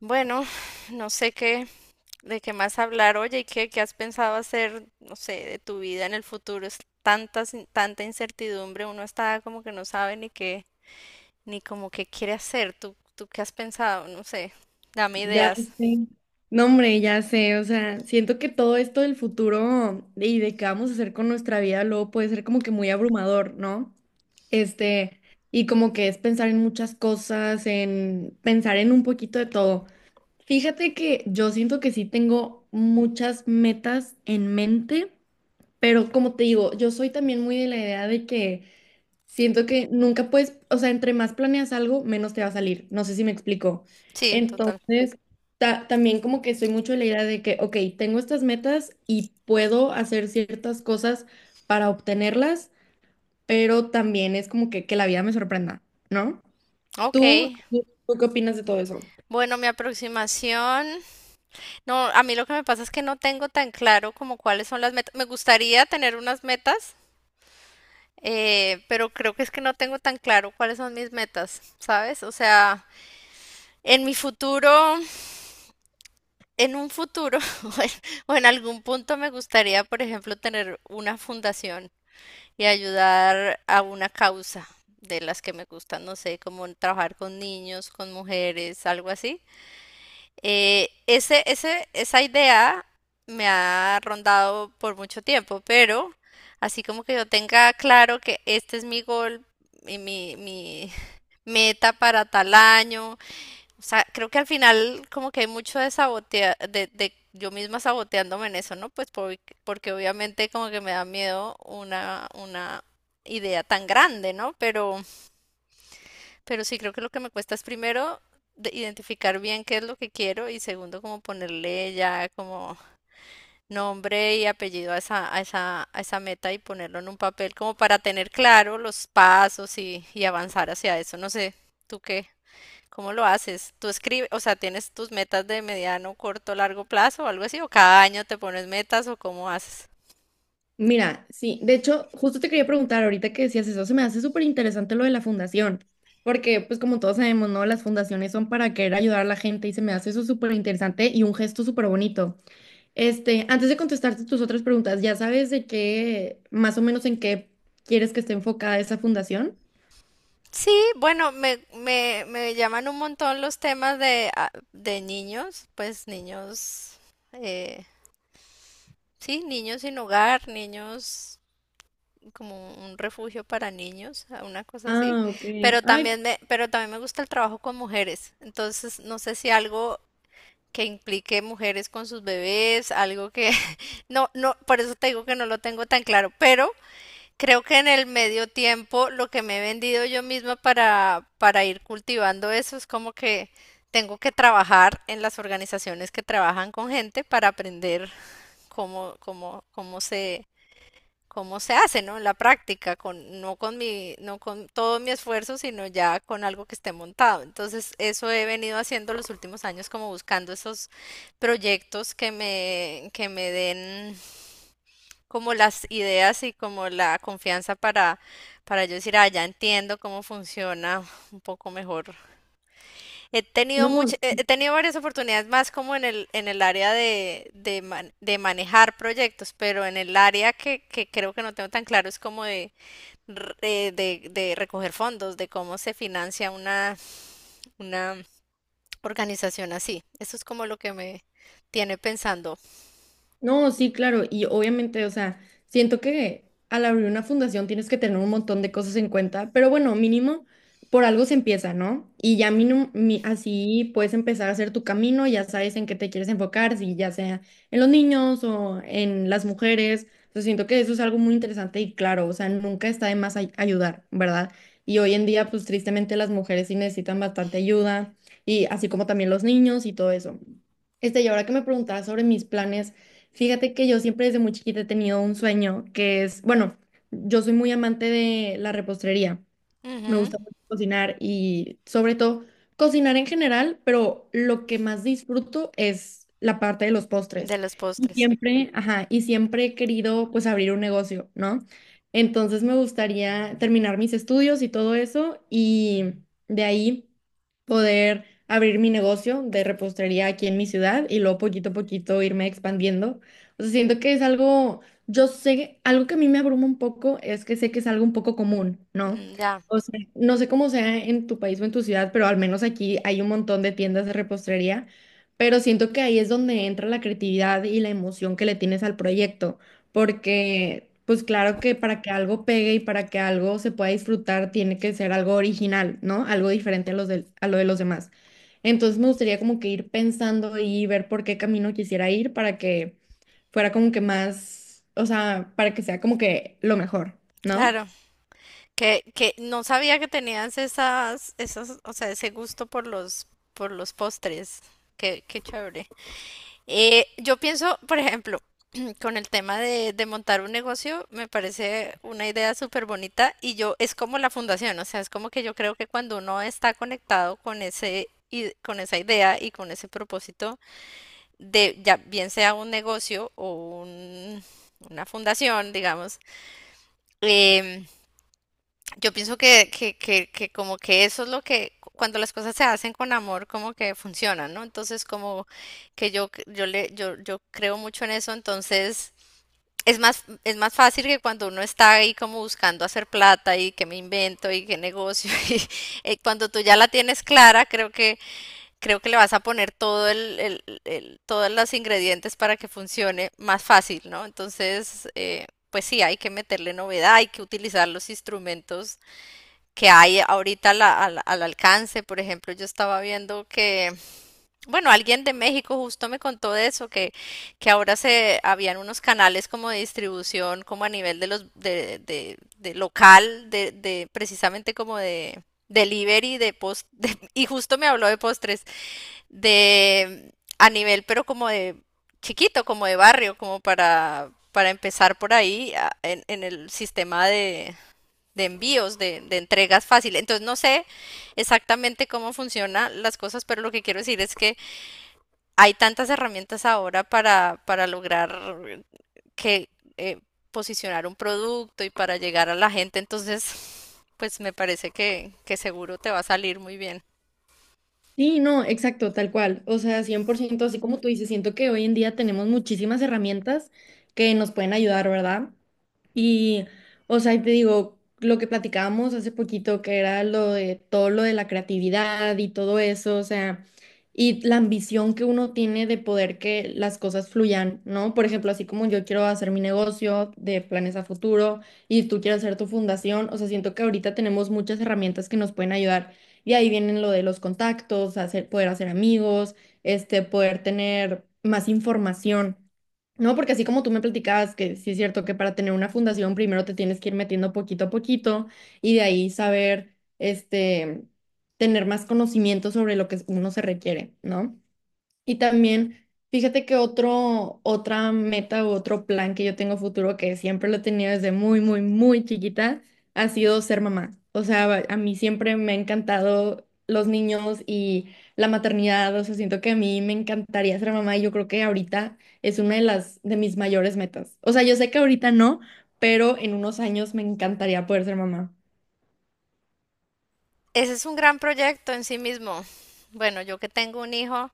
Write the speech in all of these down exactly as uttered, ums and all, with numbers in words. Bueno, no sé qué, de qué más hablar. Oye, ¿y qué, qué has pensado hacer, no sé, de tu vida en el futuro? Es tantas, in- tanta incertidumbre, uno está como que no sabe ni qué, ni como qué quiere hacer. ¿Tú, tú qué has pensado? No sé, dame Ya ideas. sé. No, hombre, ya sé. O sea, siento que todo esto del futuro y de qué vamos a hacer con nuestra vida luego puede ser como que muy abrumador, ¿no? Este, y como que es pensar en muchas cosas, en pensar en un poquito de todo. Fíjate que yo siento que sí tengo muchas metas en mente, pero como te digo, yo soy también muy de la idea de que siento que nunca puedes, o sea, entre más planeas algo, menos te va a salir. No sé si me explico. Sí, total. Entonces, ta- también como que soy mucho de la idea de que, ok, tengo estas metas y puedo hacer ciertas cosas para obtenerlas, pero también es como que, que la vida me sorprenda, ¿no? Ok. ¿Tú, tú, tú qué opinas de todo eso? Bueno, mi aproximación. No, a mí lo que me pasa es que no tengo tan claro como cuáles son las metas. Me gustaría tener unas metas, eh, pero creo que es que no tengo tan claro cuáles son mis metas, ¿sabes? O sea, en mi futuro, en un futuro o en, o en algún punto me gustaría, por ejemplo, tener una fundación y ayudar a una causa de las que me gustan, no sé, como trabajar con niños, con mujeres, algo así. Eh, ese, ese, esa idea me ha rondado por mucho tiempo, pero así como que yo tenga claro que este es mi gol y mi, mi meta para tal año. O sea, creo que al final como que hay mucho de sabotear, de, de yo misma saboteándome en eso, ¿no? Pues por- porque obviamente como que me da miedo una, una idea tan grande, ¿no? Pero, pero sí creo que lo que me cuesta es primero de- identificar bien qué es lo que quiero y segundo como ponerle ya como nombre y apellido a esa, a esa, a esa meta y ponerlo en un papel como para tener claro los pasos y, y avanzar hacia eso. No sé, ¿tú qué? ¿Cómo lo haces? ¿Tú escribes, o sea, tienes tus metas de mediano, corto, largo plazo o algo así? ¿O cada año te pones metas o cómo haces? Mira, sí, de hecho, justo te quería preguntar ahorita que decías eso, se me hace súper interesante lo de la fundación, porque pues como todos sabemos, ¿no? Las fundaciones son para querer ayudar a la gente y se me hace eso súper interesante y un gesto súper bonito. Este, antes de contestarte tus otras preguntas, ¿ya sabes de qué, más o menos en qué quieres que esté enfocada esa fundación? Sí, bueno, me, me, me llaman un montón los temas de, ah, de niños, pues niños, eh, sí, niños sin hogar, niños como un refugio para niños, ah, una cosa así, Ah, ok. pero Ay, también me, pero también me gusta el trabajo con mujeres, entonces no sé si algo que implique mujeres con sus bebés, algo que no, no, por eso te digo que no lo tengo tan claro, pero creo que en el medio tiempo lo que me he vendido yo misma para, para ir cultivando eso es como que tengo que trabajar en las organizaciones que trabajan con gente para aprender cómo, cómo, cómo se, cómo se hace, ¿no? En la práctica, con, no con mi, no con todo mi esfuerzo, sino ya con algo que esté montado. Entonces, eso he venido haciendo los últimos años, como buscando esos proyectos que me, que me den como las ideas y como la confianza para, para yo decir, ah, ya entiendo cómo funciona un poco mejor. He tenido no. much- eh, he tenido varias oportunidades más como en el, en el área de, de, man- de manejar proyectos, pero en el área que, que creo que no tengo tan claro es como de, r- eh, de, de recoger fondos, de cómo se financia una, una organización así. Eso es como lo que me tiene pensando. No, sí, claro, y obviamente, o sea, siento que al abrir una fundación tienes que tener un montón de cosas en cuenta, pero bueno, mínimo por algo se empieza, ¿no? Y ya mínimo, mi- así puedes empezar a hacer tu camino, ya sabes en qué te quieres enfocar, si ya sea en los niños o en las mujeres, o sea, siento que eso es algo muy interesante y claro, o sea, nunca está de más ay- ayudar, ¿verdad? Y hoy en día, pues tristemente las mujeres sí necesitan bastante ayuda, y así como también los niños y todo eso. Este, y ahora que me preguntabas sobre mis planes. Fíjate que yo siempre desde muy chiquita he tenido un sueño que es, bueno, yo soy muy amante de la repostería. Me Ujú. gusta mucho cocinar y sobre todo cocinar en general, pero lo que más disfruto es la parte de los postres. De los Y postres. siempre, ajá, y siempre he querido pues abrir un negocio, ¿no? Entonces me gustaría terminar mis estudios y todo eso y de ahí poder abrir mi negocio de repostería aquí en mi ciudad y luego poquito a poquito irme expandiendo. O sea, siento que es algo, yo sé, algo que a mí me abruma un poco es que sé que es algo un poco común, ¿no? Mm. Ya, O sea, no sé cómo sea en tu país o en tu ciudad, pero al menos aquí hay un montón de tiendas de repostería, pero siento que ahí es donde entra la creatividad y la emoción que le tienes al proyecto, porque pues claro que para que algo pegue y para que algo se pueda disfrutar tiene que ser algo original, ¿no? Algo diferente a los del- a lo de los demás. Entonces me gustaría como que ir pensando y ver por qué camino quisiera ir para que fuera como que más, o sea, para que sea como que lo mejor, ¿no? claro. Que, que no sabía que tenías esas, esas, o sea, ese gusto por los, por los postres. Qué, qué chévere. Eh, yo pienso, por ejemplo, con el tema de, de montar un negocio, me parece una idea súper bonita y yo es como la fundación, o sea, es como que yo creo que cuando uno está conectado con ese i- con esa idea y con ese propósito de ya bien sea un negocio o un- una fundación, digamos, em, yo pienso que, que, que, que como que eso es lo que cu- cuando las cosas se hacen con amor como que funcionan, ¿no? Entonces como que yo c- yo le yo yo creo mucho en eso, entonces es más es más fácil que cuando uno está ahí como buscando hacer plata y que me invento y que negocio y eh, cuando tú ya la tienes clara, creo que creo que le vas a poner todo el, el- el- todos los ingredientes para que funcione más fácil, ¿no? Entonces eh, pues sí, hay que meterle novedad, hay que utilizar los instrumentos que hay ahorita al, al- al alcance. Por ejemplo, yo estaba viendo que, bueno, alguien de México justo me contó de eso, que, que ahora se habían unos canales como de distribución, como a nivel de los, de, de, de local, de, de precisamente como de delivery de post, de- y justo me habló de postres, de a nivel, pero como de chiquito, como de barrio, como para, para empezar por ahí a- en, en el sistema de de envíos, de, de entregas fácil. Entonces no sé exactamente cómo funcionan las cosas, pero lo que quiero decir es que hay tantas herramientas ahora para, para lograr que eh, posicionar un producto y para llegar a la gente. Entonces, pues me parece que, que seguro te va a salir muy bien. Sí, no, exacto, tal cual. O sea, cien por ciento, así como tú dices, siento que hoy en día tenemos muchísimas herramientas que nos pueden ayudar, ¿verdad? Y, o sea, y te digo, lo que platicábamos hace poquito, que era lo de todo lo de la creatividad y todo eso, o sea, y la ambición que uno tiene de poder que las cosas fluyan, ¿no? Por ejemplo, así como yo quiero hacer mi negocio de planes a futuro y tú quieres hacer tu fundación, o sea, siento que ahorita tenemos muchas herramientas que nos pueden ayudar. Y ahí vienen lo de los contactos, hacer, poder hacer amigos, este, poder tener más información. No, porque así como tú me platicabas que sí es cierto que para tener una fundación primero te tienes que ir metiendo poquito a poquito y de ahí saber, este, tener más conocimiento sobre lo que uno se requiere, ¿no? Y también, fíjate que otro, otra meta u otro plan que yo tengo futuro, que siempre lo he tenido desde muy, muy, muy chiquita, ha sido ser mamá. O sea, va- a mí siempre me ha encantado los niños y la maternidad. O sea, siento que a mí me encantaría ser mamá y yo creo que ahorita es una de las, de mis mayores metas. O sea, yo sé que ahorita no, pero en unos años me encantaría poder ser mamá. Ese es un gran proyecto en sí mismo. Bueno, yo que tengo un hijo,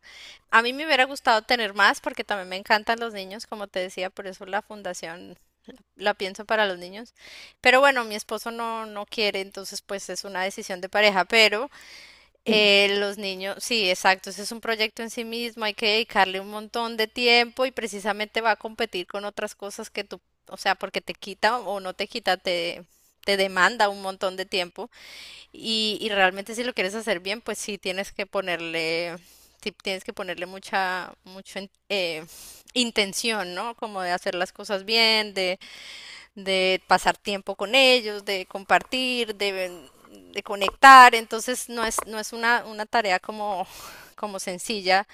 a mí me hubiera gustado tener más porque también me encantan los niños, como te decía, por eso la fundación la pienso para los niños. Pero bueno, mi esposo no, no quiere, entonces pues es una decisión de pareja, pero Sí. eh, los niños, sí, exacto, ese es un proyecto en sí mismo, hay que dedicarle un montón de tiempo y precisamente va a competir con otras cosas que tú, o sea, porque te quita o no te quita, te, te demanda un montón de tiempo y, y realmente si lo quieres hacer bien, pues sí tienes que ponerle... Sí, tienes que ponerle mucha, mucho, en- eh, intención, ¿no? Como de hacer las cosas bien, de, de pasar tiempo con ellos, de compartir, de, de conectar. Entonces no es, no es una, una tarea como, como sencilla,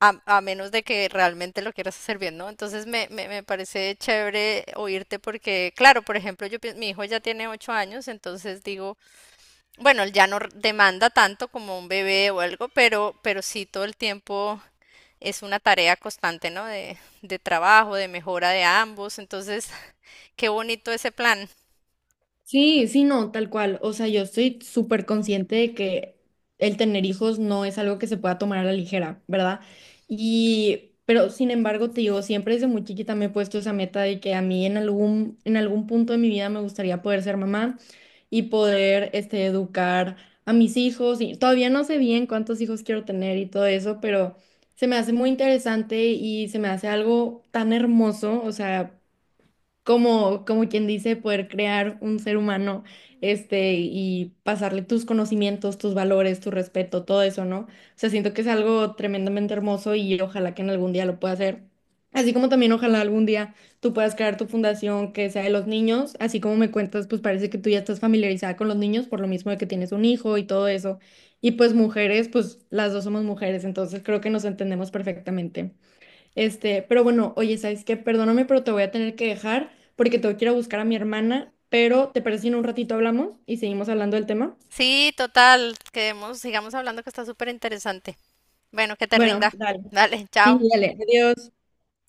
a, a menos de que realmente lo quieras hacer bien, ¿no? Entonces me, me, me parece chévere oírte porque, claro, por ejemplo, yo, pienso- mi hijo ya tiene ocho años, entonces digo, bueno, él ya no r- demanda tanto como un bebé o algo, pero, pero sí todo el tiempo es una tarea constante, ¿no? De, de trabajo, de mejora de ambos. Entonces, qué bonito ese plan. Sí, sí, no, tal cual. O sea, yo estoy súper consciente de que el tener hijos no es algo que se pueda tomar a la ligera, ¿verdad? Y, pero sin embargo, te digo, siempre desde muy chiquita me he puesto esa meta de que a mí en algún, en algún punto de mi vida me gustaría poder ser mamá y poder, este, educar a mis hijos. Y todavía no sé bien cuántos hijos quiero tener y todo eso, pero se me hace muy interesante y se me hace algo tan hermoso, o sea como, como quien dice, poder crear un ser humano, este, y pasarle tus conocimientos, tus valores, tu respeto, todo eso, ¿no? O sea, siento que es algo tremendamente hermoso y ojalá que en algún día lo pueda hacer. Así como también ojalá algún día tú puedas crear tu fundación que sea de los niños, así como me cuentas, pues parece que tú ya estás familiarizada con los niños por lo mismo de que tienes un hijo y todo eso. Y pues mujeres, pues las dos somos mujeres, entonces creo que nos entendemos perfectamente. Este, pero bueno, oye, ¿sabes qué? Perdóname, pero te voy a tener que dejar porque tengo que ir a buscar a mi hermana, pero ¿te parece si en un ratito hablamos y seguimos hablando del tema? Sí, total, quedemos, sigamos hablando que está súper interesante. Bueno, que te Bueno, rinda. dale. Dale, Sí, chao. dale. Adiós.